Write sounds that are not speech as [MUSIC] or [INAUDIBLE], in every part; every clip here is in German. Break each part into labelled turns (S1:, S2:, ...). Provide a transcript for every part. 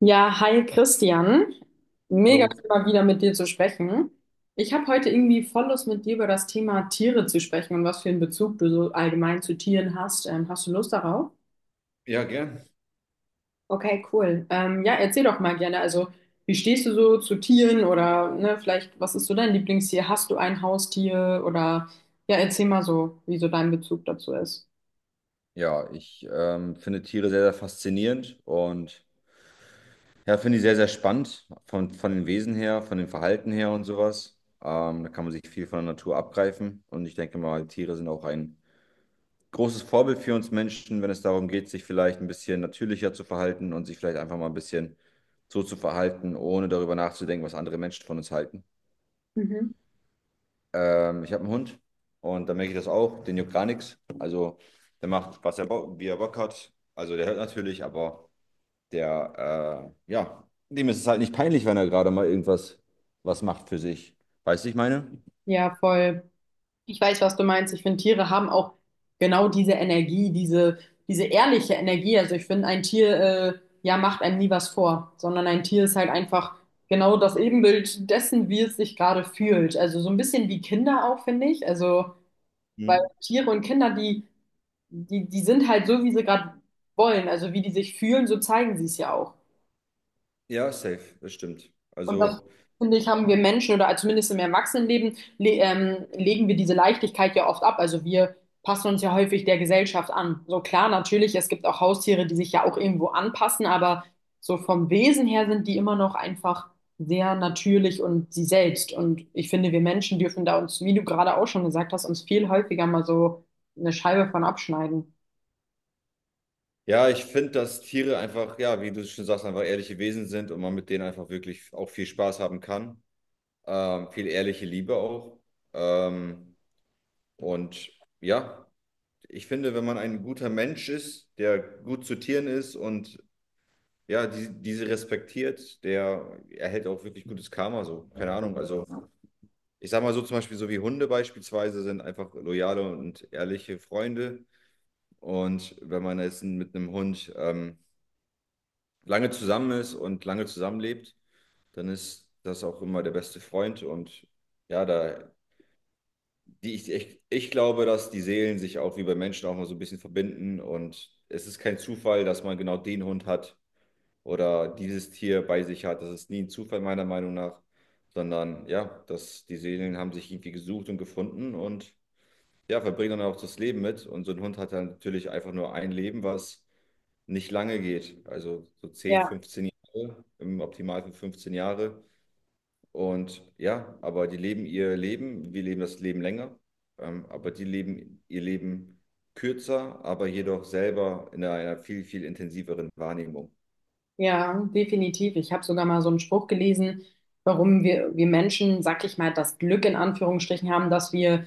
S1: Ja, hi Christian. Mega
S2: Hallo.
S1: schön, mal wieder mit dir zu sprechen. Ich habe heute irgendwie voll Lust, mit dir über das Thema Tiere zu sprechen und was für einen Bezug du so allgemein zu Tieren hast. Hast du Lust darauf?
S2: Ja, gern.
S1: Okay, cool. Ja, erzähl doch mal gerne. Also, wie stehst du so zu Tieren oder ne, vielleicht, was ist so dein Lieblingstier? Hast du ein Haustier? Oder ja, erzähl mal so, wie so dein Bezug dazu ist.
S2: Ja, ich finde Tiere sehr, sehr faszinierend und ja, finde ich sehr, sehr spannend von den Wesen her, von dem Verhalten her und sowas. Da kann man sich viel von der Natur abgreifen und ich denke mal, Tiere sind auch ein großes Vorbild für uns Menschen, wenn es darum geht, sich vielleicht ein bisschen natürlicher zu verhalten und sich vielleicht einfach mal ein bisschen so zu verhalten, ohne darüber nachzudenken, was andere Menschen von uns halten.
S1: Mhm.
S2: Ich habe einen Hund und da merke ich das auch. Den juckt gar nichts. Also der macht, was er Bock, wie er Bock hat. Also der hört natürlich, aber dem ist es halt nicht peinlich, wenn er gerade mal irgendwas was macht für sich. Weißt du, ich meine?
S1: Ja, voll. Ich weiß, was du meinst. Ich finde, Tiere haben auch genau diese Energie, diese, diese ehrliche Energie. Also ich finde, ein Tier, ja, macht einem nie was vor, sondern ein Tier ist halt einfach genau das Ebenbild dessen, wie es sich gerade fühlt. Also so ein bisschen wie Kinder auch, finde ich. Also, weil
S2: Mhm.
S1: Tiere und Kinder, die sind halt so, wie sie gerade wollen. Also wie die sich fühlen, so zeigen sie es ja auch.
S2: Ja, safe, das stimmt.
S1: Und das,
S2: Also
S1: finde ich, haben wir Menschen oder also zumindest im Erwachsenenleben le legen wir diese Leichtigkeit ja oft ab. Also wir passen uns ja häufig der Gesellschaft an. So klar, natürlich, es gibt auch Haustiere, die sich ja auch irgendwo anpassen, aber so vom Wesen her sind die immer noch einfach sehr natürlich und sie selbst. Und ich finde, wir Menschen dürfen da uns, wie du gerade auch schon gesagt hast, uns viel häufiger mal so eine Scheibe von abschneiden.
S2: ja, ich finde, dass Tiere einfach, ja, wie du schon sagst, einfach ehrliche Wesen sind und man mit denen einfach wirklich auch viel Spaß haben kann. Viel ehrliche Liebe auch. Ähm, und ja, ich finde, wenn man ein guter Mensch ist, der gut zu Tieren ist und ja, diese respektiert, der erhält auch wirklich gutes Karma so. Keine Ahnung. Also ich sag mal so zum Beispiel, so wie Hunde beispielsweise sind einfach loyale und ehrliche Freunde. Und wenn man jetzt mit einem Hund lange zusammen ist und lange zusammenlebt, dann ist das auch immer der beste Freund. Und ja, da die ich, ich, ich glaube, dass die Seelen sich auch wie bei Menschen auch mal so ein bisschen verbinden und es ist kein Zufall, dass man genau den Hund hat oder dieses Tier bei sich hat. Das ist nie ein Zufall meiner Meinung nach, sondern ja, dass die Seelen haben sich irgendwie gesucht und gefunden und ja, verbringen dann auch das Leben mit. Und so ein Hund hat dann natürlich einfach nur ein Leben, was nicht lange geht. Also so zehn,
S1: Ja.
S2: fünfzehn Jahre, im Optimalfall 15 Jahre. Und ja, aber die leben ihr Leben, wir leben das Leben länger, aber die leben ihr Leben kürzer, aber jedoch selber in einer viel, viel intensiveren Wahrnehmung.
S1: Ja, definitiv. Ich habe sogar mal so einen Spruch gelesen, warum wir Menschen, sag ich mal, das Glück in Anführungsstrichen haben, dass wir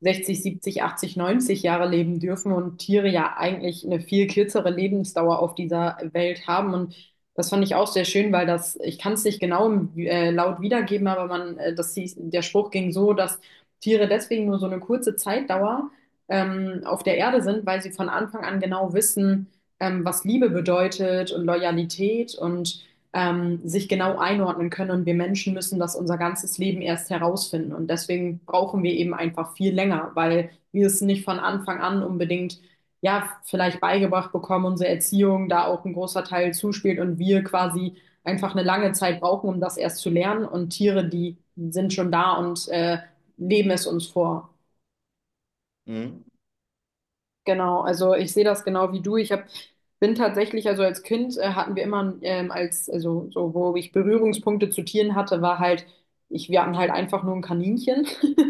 S1: 60, 70, 80, 90 Jahre leben dürfen und Tiere ja eigentlich eine viel kürzere Lebensdauer auf dieser Welt haben. Und das fand ich auch sehr schön, weil das, ich kann es nicht genau laut wiedergeben, aber man, das hieß, der Spruch ging so, dass Tiere deswegen nur so eine kurze Zeitdauer auf der Erde sind, weil sie von Anfang an genau wissen, was Liebe bedeutet und Loyalität und sich genau einordnen können. Und wir Menschen müssen das unser ganzes Leben erst herausfinden. Und deswegen brauchen wir eben einfach viel länger, weil wir es nicht von Anfang an unbedingt, ja, vielleicht beigebracht bekommen, unsere Erziehung da auch ein großer Teil zuspielt und wir quasi einfach eine lange Zeit brauchen, um das erst zu lernen. Und Tiere, die sind schon da und leben es uns vor.
S2: Mhm.
S1: Genau, also ich sehe das genau wie du. Bin tatsächlich, also als Kind hatten wir immer also so, wo ich Berührungspunkte zu Tieren hatte, war halt, ich, wir hatten halt einfach nur ein Kaninchen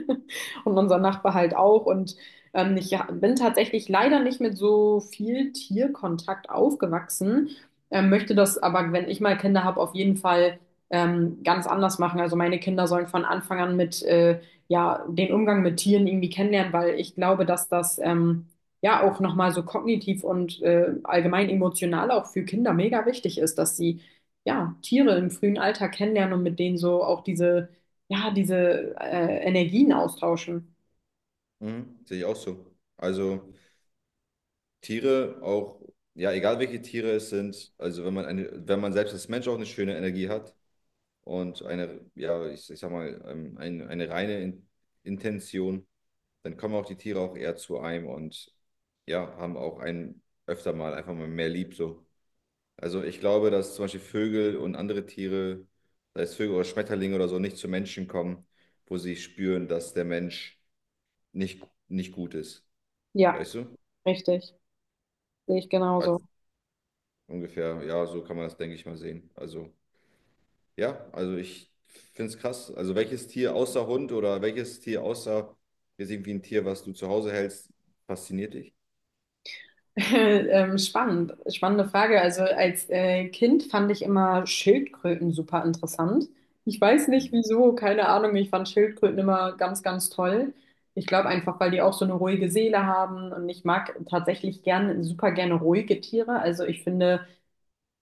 S1: [LAUGHS] und unser Nachbar halt auch. Und bin tatsächlich leider nicht mit so viel Tierkontakt aufgewachsen, möchte das aber, wenn ich mal Kinder habe, auf jeden Fall ganz anders machen. Also meine Kinder sollen von Anfang an mit ja, den Umgang mit Tieren irgendwie kennenlernen, weil ich glaube, dass das ja auch nochmal so kognitiv und allgemein emotional auch für Kinder mega wichtig ist, dass sie ja Tiere im frühen Alter kennenlernen und mit denen so auch diese, ja, diese Energien austauschen.
S2: Mhm. Sehe ich auch so. Also Tiere auch, ja, egal welche Tiere es sind, also wenn man eine, wenn man selbst als Mensch auch eine schöne Energie hat und eine, ja, ich sag mal, eine reine Intention, dann kommen auch die Tiere auch eher zu einem und ja, haben auch einen öfter mal einfach mal mehr lieb so. Also ich glaube, dass zum Beispiel Vögel und andere Tiere, sei es Vögel oder Schmetterlinge oder so, nicht zu Menschen kommen, wo sie spüren, dass der Mensch nicht, nicht gut ist.
S1: Ja,
S2: Weißt du?
S1: richtig. Sehe ich
S2: Also
S1: genauso.
S2: ungefähr, ja, so kann man das, denke ich mal, sehen. Also, ja, also ich finde es krass. Also welches Tier außer Hund oder welches Tier außer jetzt irgendwie ein Tier, was du zu Hause hältst, fasziniert dich?
S1: [LAUGHS] Spannende Frage. Also als Kind fand ich immer Schildkröten super interessant. Ich weiß nicht wieso, keine Ahnung. Ich fand Schildkröten immer ganz, ganz toll. Ich glaube einfach, weil die auch so eine ruhige Seele haben und ich mag tatsächlich gerne super gerne ruhige Tiere. Also ich finde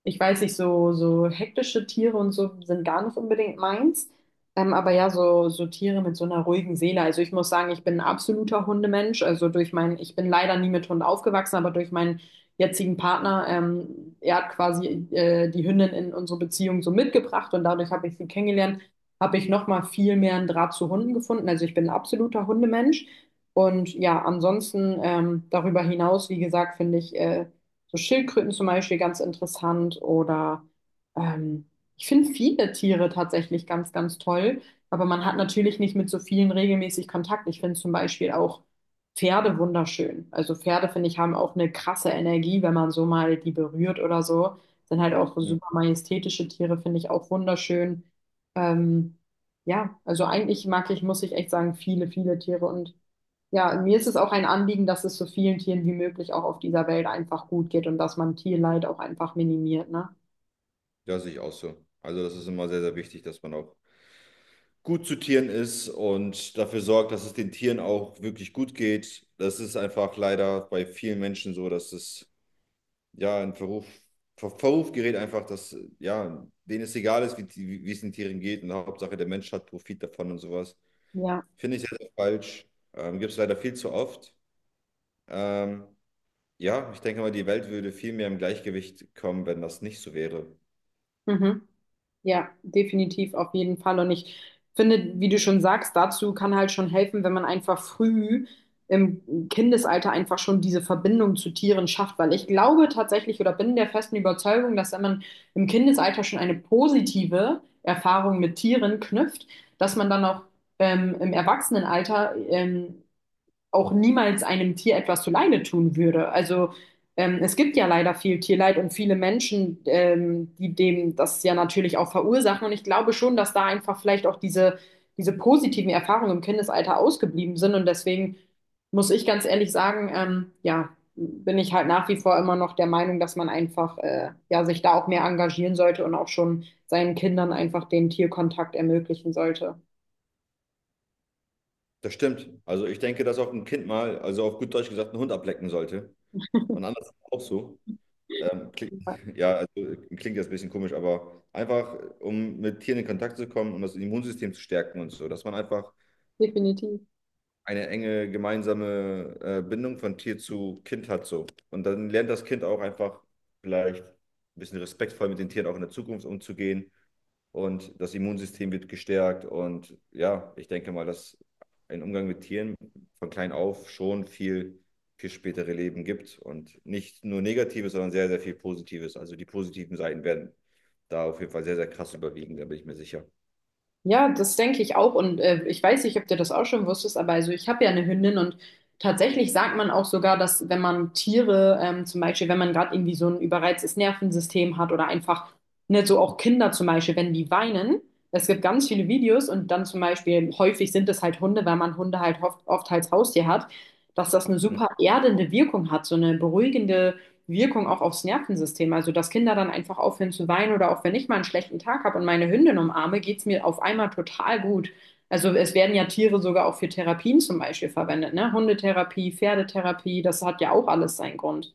S1: ich weiß nicht, so, so hektische Tiere und so sind gar nicht unbedingt meins. Aber ja, so, so Tiere mit so einer ruhigen Seele. Also ich muss sagen, ich bin ein absoluter Hundemensch. Ich bin leider nie mit Hund aufgewachsen, aber durch meinen jetzigen Partner, er hat quasi die Hündin in unsere Beziehung so mitgebracht und dadurch habe ich sie kennengelernt, habe ich nochmal viel mehr einen Draht zu Hunden gefunden. Also ich bin ein absoluter Hundemensch. Und ja, ansonsten darüber hinaus, wie gesagt, finde ich so Schildkröten zum Beispiel ganz interessant oder ähm, ich finde viele Tiere tatsächlich ganz, ganz toll, aber man hat natürlich nicht mit so vielen regelmäßig Kontakt. Ich finde zum Beispiel auch Pferde wunderschön. Also Pferde, finde ich, haben auch eine krasse Energie, wenn man so mal die berührt oder so. Sind halt auch
S2: Mhm.
S1: super majestätische Tiere, finde ich auch wunderschön. Ähm, ja, also eigentlich mag ich, muss ich echt sagen, viele, viele Tiere und ja, mir ist es auch ein Anliegen, dass es so vielen Tieren wie möglich auch auf dieser Welt einfach gut geht und dass man Tierleid auch einfach minimiert, ne?
S2: Ja, sehe ich auch so. Also das ist immer sehr, sehr wichtig, dass man auch gut zu Tieren ist und dafür sorgt, dass es den Tieren auch wirklich gut geht. Das ist einfach leider bei vielen Menschen so, dass es ja in Verruf gerät einfach, dass ja, denen es egal ist, wie, wie es den Tieren geht und Hauptsache der Mensch hat Profit davon und sowas.
S1: Ja,
S2: Finde ich sehr, sehr falsch. Gibt es leider viel zu oft. Ähm, ja, ich denke mal, die Welt würde viel mehr im Gleichgewicht kommen, wenn das nicht so wäre.
S1: mhm. Ja, definitiv, auf jeden Fall. Und ich finde, wie du schon sagst, dazu kann halt schon helfen, wenn man einfach früh im Kindesalter einfach schon diese Verbindung zu Tieren schafft, weil ich glaube tatsächlich oder bin der festen Überzeugung, dass wenn man im Kindesalter schon eine positive Erfahrung mit Tieren knüpft, dass man dann auch im Erwachsenenalter auch niemals einem Tier etwas zuleide tun würde. Also es gibt ja leider viel Tierleid und viele Menschen, die dem das ja natürlich auch verursachen. Und ich glaube schon, dass da einfach vielleicht auch diese, diese positiven Erfahrungen im Kindesalter ausgeblieben sind. Und deswegen muss ich ganz ehrlich sagen, ja, bin ich halt nach wie vor immer noch der Meinung, dass man einfach ja, sich da auch mehr engagieren sollte und auch schon seinen Kindern einfach den Tierkontakt ermöglichen sollte.
S2: Das stimmt. Also ich denke, dass auch ein Kind mal, also auf gut Deutsch gesagt, einen Hund ablecken sollte. Und anders auch so. Ähm, klingt,
S1: Ja,
S2: [LAUGHS] ja, also klingt jetzt ein bisschen komisch, aber einfach, um mit Tieren in Kontakt zu kommen, und das Immunsystem zu stärken und so, dass man einfach
S1: definitiv.
S2: eine enge gemeinsame Bindung von Tier zu Kind hat so. Und dann lernt das Kind auch einfach vielleicht ein bisschen respektvoll mit den Tieren auch in der Zukunft umzugehen. Und das Immunsystem wird gestärkt. Und ja, ich denke mal, dass ein Umgang mit Tieren von klein auf schon viel für spätere Leben gibt. Und nicht nur Negatives, sondern sehr, sehr viel Positives. Also die positiven Seiten werden da auf jeden Fall sehr, sehr krass überwiegen, da bin ich mir sicher.
S1: Ja, das denke ich auch. Und ich weiß nicht, ob du das auch schon wusstest, aber also ich habe ja eine Hündin und tatsächlich sagt man auch sogar, dass wenn man Tiere, zum Beispiel, wenn man gerade irgendwie so ein überreiztes Nervensystem hat oder einfach, ne, so auch Kinder zum Beispiel, wenn die weinen, es gibt ganz viele Videos und dann zum Beispiel, häufig sind es halt Hunde, weil man Hunde halt oft, oft als Haustier hat, dass das eine super erdende Wirkung hat, so eine beruhigende Wirkung auch aufs Nervensystem. Also, dass Kinder dann einfach aufhören zu weinen oder auch wenn ich mal einen schlechten Tag habe und meine Hündin umarme, geht's mir auf einmal total gut. Also, es werden ja Tiere sogar auch für Therapien zum Beispiel verwendet, ne? Hundetherapie, Pferdetherapie, das hat ja auch alles seinen Grund.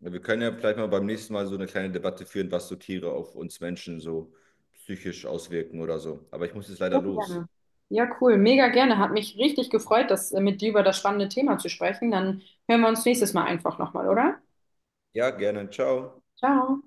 S2: Ja, wir können ja vielleicht mal beim nächsten Mal so eine kleine Debatte führen, was so Tiere auf uns Menschen so psychisch auswirken oder so. Aber ich muss jetzt leider
S1: Ja,
S2: los.
S1: gerne. Ja, cool, mega gerne. Hat mich richtig gefreut, das mit dir über das spannende Thema zu sprechen. Dann hören wir uns nächstes Mal einfach nochmal, oder?
S2: Ja, gerne. Ciao.
S1: Ciao.